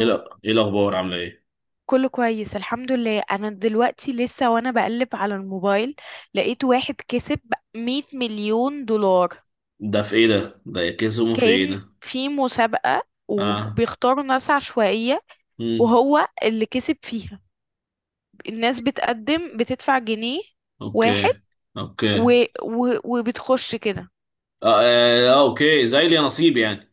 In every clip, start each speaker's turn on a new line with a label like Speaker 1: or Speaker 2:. Speaker 1: ايه، لا، ايه الاخبار؟ عامله ايه؟
Speaker 2: كله كويس، الحمد لله. انا دلوقتي لسه وانا بقلب على الموبايل، لقيت واحد كسب 100 مليون دولار.
Speaker 1: ده في ايه ده يكسهم في ايه
Speaker 2: كان
Speaker 1: ده؟
Speaker 2: في مسابقة
Speaker 1: اه.
Speaker 2: وبيختاروا ناس عشوائية،
Speaker 1: امم
Speaker 2: وهو اللي كسب فيها. الناس بتقدم بتدفع جنيه واحد
Speaker 1: اوكي. اوكي اه,
Speaker 2: و... وبتخش كده.
Speaker 1: آه، اوكي، زي لي نصيب يعني.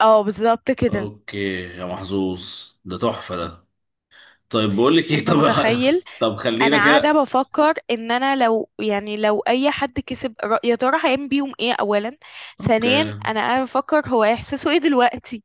Speaker 2: اه بالظبط كده،
Speaker 1: اوكي. يا محظوظ، ده تحفه ده. طيب بقول لك ايه،
Speaker 2: انت
Speaker 1: طب
Speaker 2: متخيل؟
Speaker 1: طب
Speaker 2: انا
Speaker 1: خلينا
Speaker 2: قاعده
Speaker 1: كده.
Speaker 2: بفكر ان انا لو لو اي حد كسب يا ترى هيعمل بيهم ايه اولا؟
Speaker 1: اوكي.
Speaker 2: ثانيا انا قاعده بفكر هو احساسه ايه دلوقتي.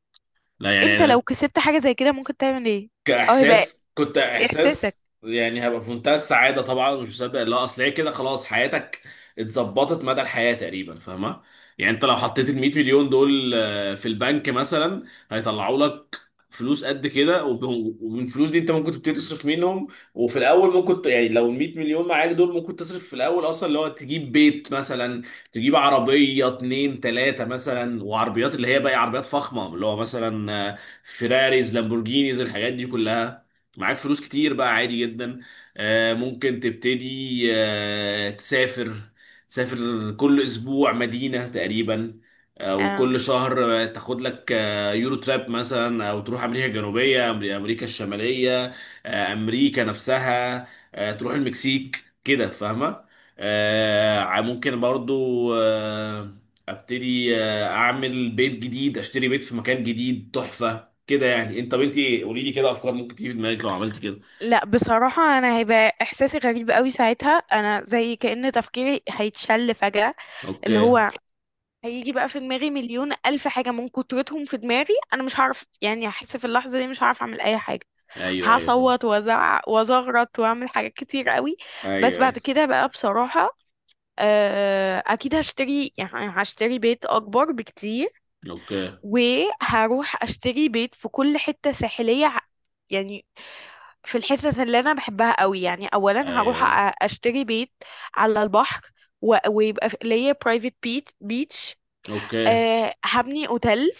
Speaker 1: لا
Speaker 2: انت
Speaker 1: يعني
Speaker 2: لو كسبت حاجه زي كده ممكن تعمل ايه؟ او هيبقى
Speaker 1: كاحساس، كنت
Speaker 2: احساسك
Speaker 1: احساس يعني هبقى في منتهى السعاده طبعا، مش مصدق، لا اصل هي كده خلاص حياتك اتظبطت مدى الحياه تقريبا، فاهمه؟ يعني انت لو حطيت ال 100 مليون دول في البنك مثلا هيطلعوا لك فلوس قد كده، ومن الفلوس دي انت ممكن تبتدي تصرف منهم. وفي الاول ممكن يعني لو ال 100 مليون معاك دول، ممكن تصرف في الاول اصلا اللي هو تجيب بيت مثلا، تجيب عربيه اتنين تلاته مثلا، وعربيات اللي هي بقى عربيات فخمه اللي هو مثلا فيراريز، لامبورجينيز، الحاجات دي كلها. معاك فلوس كتير بقى عادي جدا. ممكن تبتدي تسافر، تسافر كل اسبوع مدينة تقريبا، او كل
Speaker 2: أم...
Speaker 1: شهر تاخد لك يورو تراب مثلا، او تروح امريكا الجنوبية، امريكا الشمالية، امريكا نفسها، تروح المكسيك كده، فاهمة؟ ممكن برضو ابتدي اعمل بيت جديد، اشتري بيت في مكان جديد تحفة كده. يعني انت، طب انت قولي لي كده افكار ممكن تيجي في دماغك لو عملت كده.
Speaker 2: لا بصراحه، انا هيبقى احساسي غريب قوي ساعتها. انا زي كأن تفكيري هيتشل فجأة، اللي
Speaker 1: اوكي.
Speaker 2: هو هيجي بقى في دماغي مليون الف حاجه، من كترتهم في دماغي انا مش هعرف يعني، هحس في اللحظه دي مش هعرف اعمل اي حاجه.
Speaker 1: ايوه ايوه، فاهم.
Speaker 2: هصوت وازعق وازغرط واعمل حاجات كتير قوي. بس
Speaker 1: ايوه
Speaker 2: بعد
Speaker 1: ايوه.
Speaker 2: كده بقى، بصراحة اكيد هشتري يعني. هشتري بيت اكبر بكتير،
Speaker 1: اوكي.
Speaker 2: وهروح اشتري بيت في كل حتة ساحلية يعني في الحتت اللي انا بحبها قوي. يعني اولا
Speaker 1: ايوه
Speaker 2: هروح
Speaker 1: ايوه.
Speaker 2: اشتري بيت على البحر، ويبقى ليا برايفت بيتش.
Speaker 1: اوكي.
Speaker 2: أه هبني اوتيل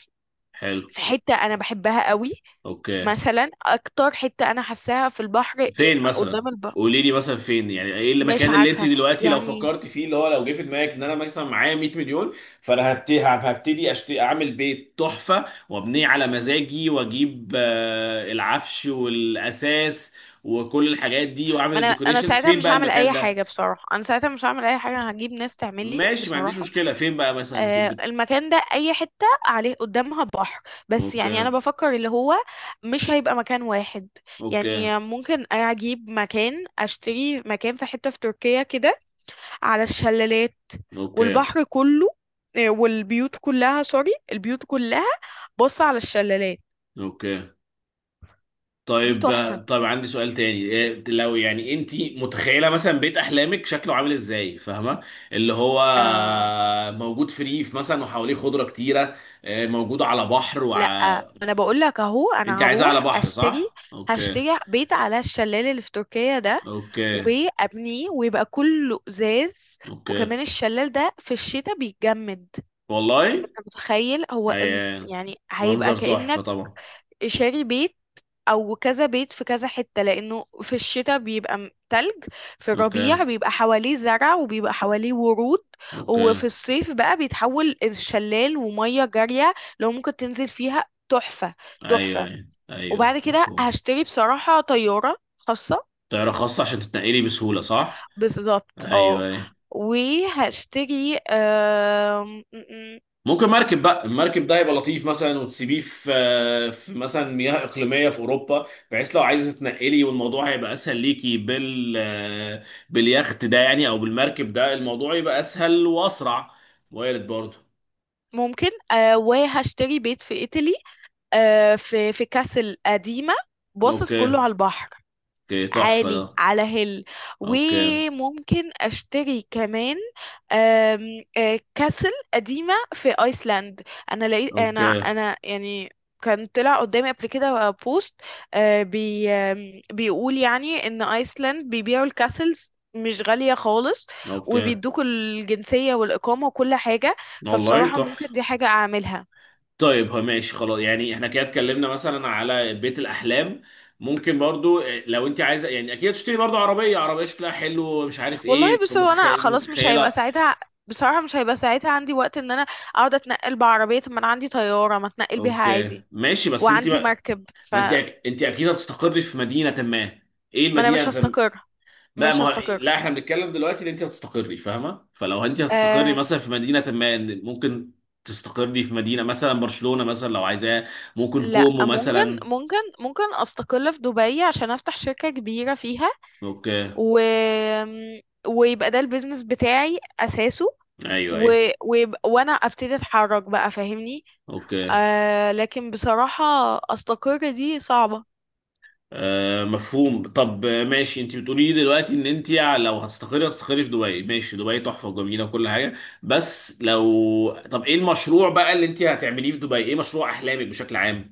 Speaker 1: حلو.
Speaker 2: في حتة انا بحبها قوي.
Speaker 1: اوكي.
Speaker 2: مثلا اكتر حتة انا حاساها في البحر
Speaker 1: فين مثلا؟
Speaker 2: قدام البحر.
Speaker 1: قولي لي مثلا فين، يعني ايه
Speaker 2: مش
Speaker 1: المكان اللي انت
Speaker 2: عارفة
Speaker 1: دلوقتي لو
Speaker 2: يعني.
Speaker 1: فكرت فيه، اللي هو لو جه في دماغك ان انا مثلا معايا 100 مليون، فانا هبتدي، اشتري، اعمل بيت تحفه وابنيه على مزاجي، واجيب العفش والاساس وكل الحاجات دي، واعمل
Speaker 2: ما انا
Speaker 1: الديكوريشن.
Speaker 2: ساعتها
Speaker 1: فين
Speaker 2: مش
Speaker 1: بقى
Speaker 2: هعمل
Speaker 1: المكان
Speaker 2: اي
Speaker 1: ده؟
Speaker 2: حاجة، بصراحة انا ساعتها مش هعمل اي حاجة، انا هجيب ناس تعمل لي
Speaker 1: ماشي، ما عنديش
Speaker 2: بصراحة.
Speaker 1: مشكلة، فين بقى مثلا؟
Speaker 2: المكان ده اي حتة عليه قدامها بحر. بس يعني انا
Speaker 1: اوكي.
Speaker 2: بفكر اللي هو مش هيبقى مكان واحد.
Speaker 1: اوكي.
Speaker 2: يعني ممكن اجيب مكان، اشتري مكان في حتة في تركيا كده، على الشلالات
Speaker 1: اوكي.
Speaker 2: والبحر كله. والبيوت كلها، سوري، البيوت كلها بص على الشلالات
Speaker 1: اوكي.
Speaker 2: دي
Speaker 1: طيب.
Speaker 2: تحفة.
Speaker 1: طيب عندي سؤال تاني، إيه لو يعني انت متخيله مثلا بيت احلامك شكله عامل ازاي، فاهمه؟ اللي هو
Speaker 2: آه
Speaker 1: موجود في ريف مثلا وحواليه خضره كتيره، موجود على بحر
Speaker 2: لا، ما انا بقول لك اهو،
Speaker 1: انت
Speaker 2: انا
Speaker 1: عايزاه على
Speaker 2: هروح
Speaker 1: بحر،
Speaker 2: اشتري.
Speaker 1: صح؟ اوكي.
Speaker 2: هشتري بيت على الشلال اللي في تركيا ده
Speaker 1: اوكي.
Speaker 2: وابنيه، ويبقى كله ازاز.
Speaker 1: اوكي.
Speaker 2: وكمان الشلال ده في الشتاء بيتجمد،
Speaker 1: والله.
Speaker 2: فانت متخيل هو
Speaker 1: اي.
Speaker 2: يعني هيبقى
Speaker 1: منظر تحفه
Speaker 2: كأنك
Speaker 1: طبعا.
Speaker 2: شاري بيت او كذا بيت في كذا حتة، لانه في الشتاء بيبقى تلج، في
Speaker 1: اوكي.
Speaker 2: الربيع بيبقى حواليه زرع وبيبقى حواليه ورود،
Speaker 1: اوكي.
Speaker 2: وفي الصيف بقى بيتحول الشلال ومية جارية لو ممكن تنزل فيها، تحفة.
Speaker 1: ايوه
Speaker 2: تحفة.
Speaker 1: ايوه
Speaker 2: وبعد
Speaker 1: ايوه،
Speaker 2: كده
Speaker 1: مفهوم.
Speaker 2: هشتري بصراحة طيارة خاصة.
Speaker 1: طياره خاصه عشان تتنقلي بسهوله، صح؟
Speaker 2: بالظبط
Speaker 1: ايوه
Speaker 2: اه.
Speaker 1: أيوة.
Speaker 2: وهشتري
Speaker 1: ممكن مركب بقى، المركب ده يبقى لطيف مثلا، وتسيبيه في، في مثلا مياه اقليميه في اوروبا، بحيث لو عايزه تنقلي، والموضوع هيبقى اسهل ليكي بال، باليخت ده يعني او بالمركب ده، الموضوع يبقى اسهل واسرع. وارد برضه.
Speaker 2: ممكن وهشتري بيت في ايطالي، في كاسل قديمة باصص كله
Speaker 1: اوكي.
Speaker 2: على البحر،
Speaker 1: اوكي، تحفه
Speaker 2: عالي
Speaker 1: ده.
Speaker 2: على هيل.
Speaker 1: اوكي.
Speaker 2: وممكن اشتري كمان آم، آه، كاسل قديمة في ايسلاند. انا لقيت، انا
Speaker 1: اوكي.
Speaker 2: انا يعني كان طلع قدامي قبل كده بوست، آه، بي آم، بيقول يعني ان ايسلاند بيبيعوا الكاسلز مش غالية خالص،
Speaker 1: اوكي.
Speaker 2: وبيدوكوا الجنسية والإقامة وكل حاجة.
Speaker 1: والله
Speaker 2: فبصراحة ممكن
Speaker 1: تحفه.
Speaker 2: دي حاجة أعملها.
Speaker 1: طيب هو ماشي خلاص يعني، احنا كده اتكلمنا مثلا على بيت الاحلام. ممكن برضو لو انت عايزه، يعني اكيد تشتري برضو عربيه، عربيه شكلها حلو ومش عارف
Speaker 2: والله
Speaker 1: ايه،
Speaker 2: بص، هو انا
Speaker 1: فمتخيل
Speaker 2: خلاص مش هيبقى
Speaker 1: متخيله.
Speaker 2: ساعتها، بصراحة مش هيبقى ساعتها عندي وقت ان انا اقعد اتنقل بعربية. طب ما انا عندي طيارة ما اتنقل بيها
Speaker 1: اوكي
Speaker 2: عادي،
Speaker 1: ماشي، بس انت
Speaker 2: وعندي
Speaker 1: بقى،
Speaker 2: مركب.
Speaker 1: ما انت
Speaker 2: فما
Speaker 1: انت اكيد هتستقري في مدينه ما. ايه
Speaker 2: انا مش
Speaker 1: المدينه
Speaker 2: هستقر.
Speaker 1: بقى،
Speaker 2: مش
Speaker 1: ما
Speaker 2: هستقر.
Speaker 1: لا احنا بنتكلم دلوقتي ان انت هتستقري، فاهمه؟ فلو انت هتستقري
Speaker 2: آه،
Speaker 1: مثلا في مدينه ما، إن ممكن تستقري في مدينه مثلا برشلونه مثلا لو عايزاه، ممكن
Speaker 2: لا.
Speaker 1: كومو مثلا.
Speaker 2: ممكن استقل في دبي عشان افتح شركة كبيرة فيها،
Speaker 1: اوكي.
Speaker 2: و... ويبقى ده البيزنس بتاعي اساسه،
Speaker 1: ايوه
Speaker 2: و...
Speaker 1: ايوه.
Speaker 2: وانا ابتدي اتحرك بقى فاهمني.
Speaker 1: اوكي.
Speaker 2: لكن بصراحة استقر دي صعبة.
Speaker 1: آه مفهوم. طب ماشي. انت بتقولي لي دلوقتي ان انت لو هتستقري هتستقري في دبي. ماشي، دبي تحفه وجميله وكل حاجه، بس لو طب ايه المشروع بقى اللي انت هتعمليه في دبي؟ ايه مشروع احلامك بشكل عام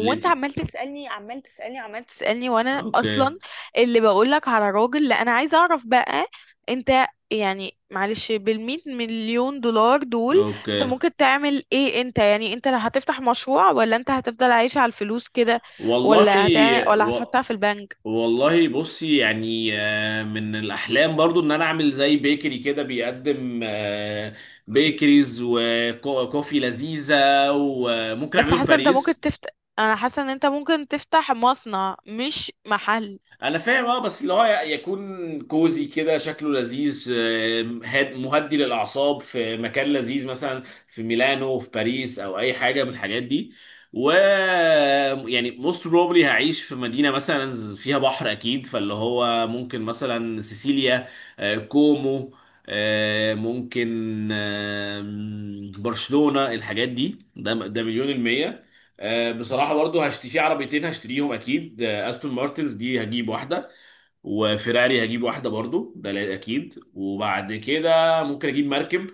Speaker 1: اللي انت؟
Speaker 2: انت عمال تسألني، عمال تسألني، عمال تسألني، وانا
Speaker 1: اوكي.
Speaker 2: اصلا اللي بقولك على راجل. لا انا عايزه اعرف بقى انت، يعني معلش، بالمية مليون دولار دول
Speaker 1: اوكي.
Speaker 2: انت ممكن تعمل ايه؟ انت يعني انت لا هتفتح مشروع، ولا انت هتفضل عايش على الفلوس كده،
Speaker 1: والله.
Speaker 2: ولا هتعمل، ولا
Speaker 1: و...
Speaker 2: هتحطها في البنك؟
Speaker 1: والله بصي يعني من الاحلام برضو ان انا اعمل زي بيكري كده بيقدم بيكريز وكوفي لذيذه، وممكن
Speaker 2: بس
Speaker 1: اعمله في
Speaker 2: حاسه انت ممكن
Speaker 1: باريس.
Speaker 2: تفتح، انا حاسه ان انت ممكن تفتح مصنع مش محل.
Speaker 1: انا فاهم، اه بس اللي هو يكون كوزي كده، شكله لذيذ، مهدي للاعصاب، في مكان لذيذ مثلا في ميلانو، في باريس، او اي حاجه من الحاجات دي. و يعني موست بروبلي هعيش في مدينه مثلا فيها بحر اكيد، فاللي هو ممكن مثلا سيسيليا، كومو، ممكن برشلونه، الحاجات دي. ده مليون المية. بصراحة برضو هشتري في عربيتين، هشتريهم أكيد، أستون مارتنز دي هجيب واحدة، وفيراري هجيب واحدة برضو، ده لا- أكيد. وبعد كده ممكن أجيب مركب،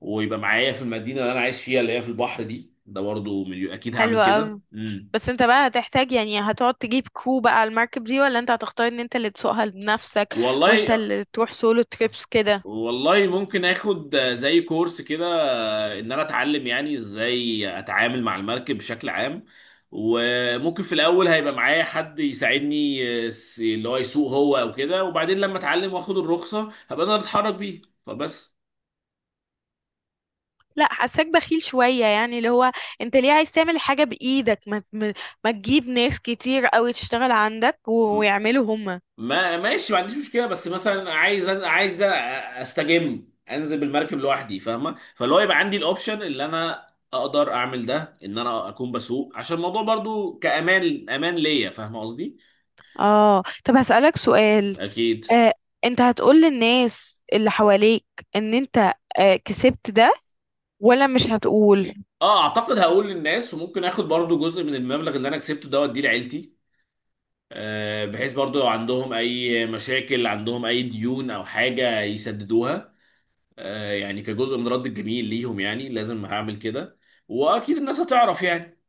Speaker 1: ويبقى معايا في المدينة اللي أنا عايش فيها، اللي هي في البحر دي، ده برضو أكيد هعمل
Speaker 2: حلو
Speaker 1: كده.
Speaker 2: قوي. بس انت بقى هتحتاج يعني هتقعد تجيب كرو بقى على المركب دي، ولا انت هتختار ان انت اللي تسوقها بنفسك وانت
Speaker 1: والله.
Speaker 2: اللي تروح سولو تريبس كده؟
Speaker 1: والله ممكن آخد زي كورس كده ان انا اتعلم يعني ازاي اتعامل مع المركب بشكل عام، وممكن في الاول هيبقى معايا حد يساعدني اللي هو يسوق هو او كده، وبعدين لما اتعلم واخد الرخصة هبقى انا بتحرك بيه، فبس.
Speaker 2: لا حاساك بخيل شوية، يعني اللي هو انت ليه عايز تعمل حاجة بإيدك؟ ما تجيب ناس كتير قوي تشتغل عندك
Speaker 1: م-
Speaker 2: ويعملوا هما.
Speaker 1: ما ماشي، ما عنديش مشكلة، بس مثلا عايز عايز استجم انزل بالمركب لوحدي، فاهمة؟ فاللي هو يبقى عندي الاوبشن اللي انا اقدر اعمل ده ان انا اكون بسوق، عشان الموضوع برضو كامان امان ليا، فاهمة قصدي؟
Speaker 2: اه طب هسألك سؤال.
Speaker 1: اكيد.
Speaker 2: آه انت هتقول للناس اللي حواليك ان انت كسبت ده، ولا مش هتقول؟
Speaker 1: اه اعتقد هقول للناس، وممكن اخد برضو جزء من المبلغ اللي انا كسبته ده واديه لعيلتي بحيث برضو لو عندهم اي مشاكل، عندهم اي ديون او حاجة يسددوها، يعني كجزء من رد الجميل ليهم، يعني لازم هعمل كده. واكيد الناس هتعرف يعني.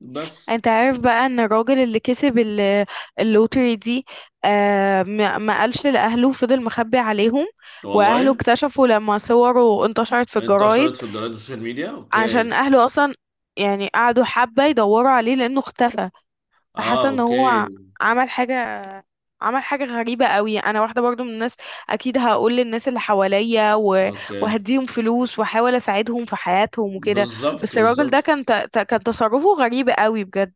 Speaker 1: بس.
Speaker 2: انت عارف بقى ان الراجل اللي كسب اللوتري دي ما قالش لاهله، فضل مخبي عليهم؟ واهله
Speaker 1: والله.
Speaker 2: اكتشفوا لما صوره انتشرت في الجرايد،
Speaker 1: انتشرت في الجرايد والسوشيال ميديا، اوكي.
Speaker 2: عشان اهله اصلا يعني قعدوا حبة يدوروا عليه لانه اختفى.
Speaker 1: اه.
Speaker 2: فحاسة ان هو
Speaker 1: اوكي.
Speaker 2: عمل حاجة عمل حاجة غريبة قوي. انا واحدة برضو من الناس اكيد هقول للناس اللي حواليا
Speaker 1: اوكي.
Speaker 2: وهديهم فلوس واحاول اساعدهم في حياتهم وكده.
Speaker 1: بالظبط
Speaker 2: بس الراجل ده
Speaker 1: بالظبط.
Speaker 2: كان تصرفه غريب قوي بجد.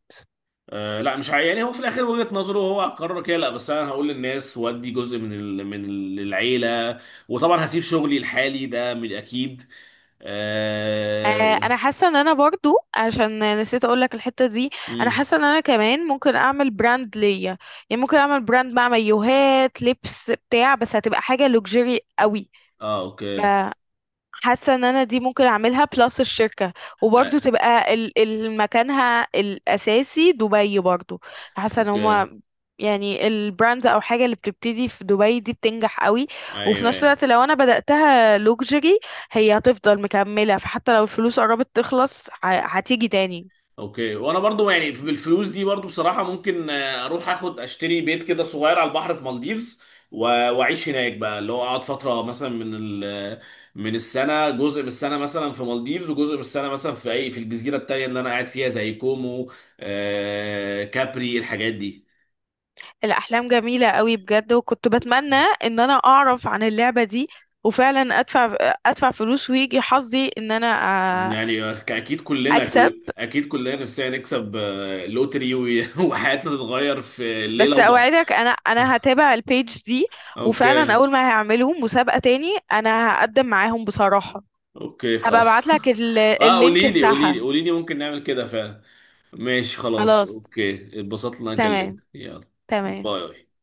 Speaker 1: آه لا مش يعني هو في الاخر وجهة نظره، هو هقرر كده. لا بس انا هقول للناس وادي جزء من من العيله. وطبعا هسيب شغلي الحالي ده من اكيد.
Speaker 2: آه،
Speaker 1: اه,
Speaker 2: انا حاسه ان انا برضو، عشان نسيت اقول لك الحته دي، انا
Speaker 1: مم.
Speaker 2: حاسه ان انا كمان ممكن اعمل براند ليا. يعني ممكن اعمل براند مع مايوهات لبس بتاع، بس هتبقى حاجه لوكسجري قوي.
Speaker 1: آه. اوكي.
Speaker 2: حاسه ان انا دي ممكن اعملها بلس الشركه، وبرضه
Speaker 1: آه.
Speaker 2: تبقى مكانها الاساسي دبي برضه. حاسه ان
Speaker 1: اوكي.
Speaker 2: هما يعني البراندز او حاجه اللي بتبتدي في دبي دي بتنجح قوي. وفي
Speaker 1: ايوه
Speaker 2: نفس
Speaker 1: أيوة.
Speaker 2: الوقت لو انا بداتها لوكسجري، هي هتفضل مكمله، فحتى لو الفلوس قربت تخلص هتيجي تاني.
Speaker 1: اوكي. وانا برضو يعني بالفلوس دي برضو بصراحة ممكن اروح اخد اشتري بيت كده صغير على البحر في مالديفز، واعيش هناك بقى، اللي هو اقعد فترة مثلا من ال، من السنة، جزء من السنة مثلا في مالديفز، وجزء من السنة مثلا في اي في الجزيرة التانية اللي انا قاعد فيها زي كومو، كابري، الحاجات دي.
Speaker 2: الاحلام جميله قوي بجد، وكنت بتمنى ان انا اعرف عن اللعبه دي وفعلا ادفع فلوس، ويجي حظي ان انا آه،
Speaker 1: يعني اكيد كلنا،
Speaker 2: اكسب.
Speaker 1: كل اكيد كلنا نفسنا نكسب لوتري وحياتنا تتغير في ليلة
Speaker 2: بس
Speaker 1: وضحى.
Speaker 2: اوعدك، انا هتابع البيج دي، وفعلا
Speaker 1: اوكي.
Speaker 2: اول ما هيعملوا مسابقة تاني انا هقدم معاهم بصراحة.
Speaker 1: اوكي
Speaker 2: هبقى
Speaker 1: خلاص
Speaker 2: ابعت لك
Speaker 1: اه
Speaker 2: اللينك
Speaker 1: قولي لي، قولي لي
Speaker 2: بتاعها.
Speaker 1: قولي لي ممكن نعمل كده فعلا. ماشي خلاص،
Speaker 2: خلاص،
Speaker 1: اوكي، اتبسطت ان انا
Speaker 2: تمام،
Speaker 1: كلمتك، يلا.
Speaker 2: تمام.
Speaker 1: باي.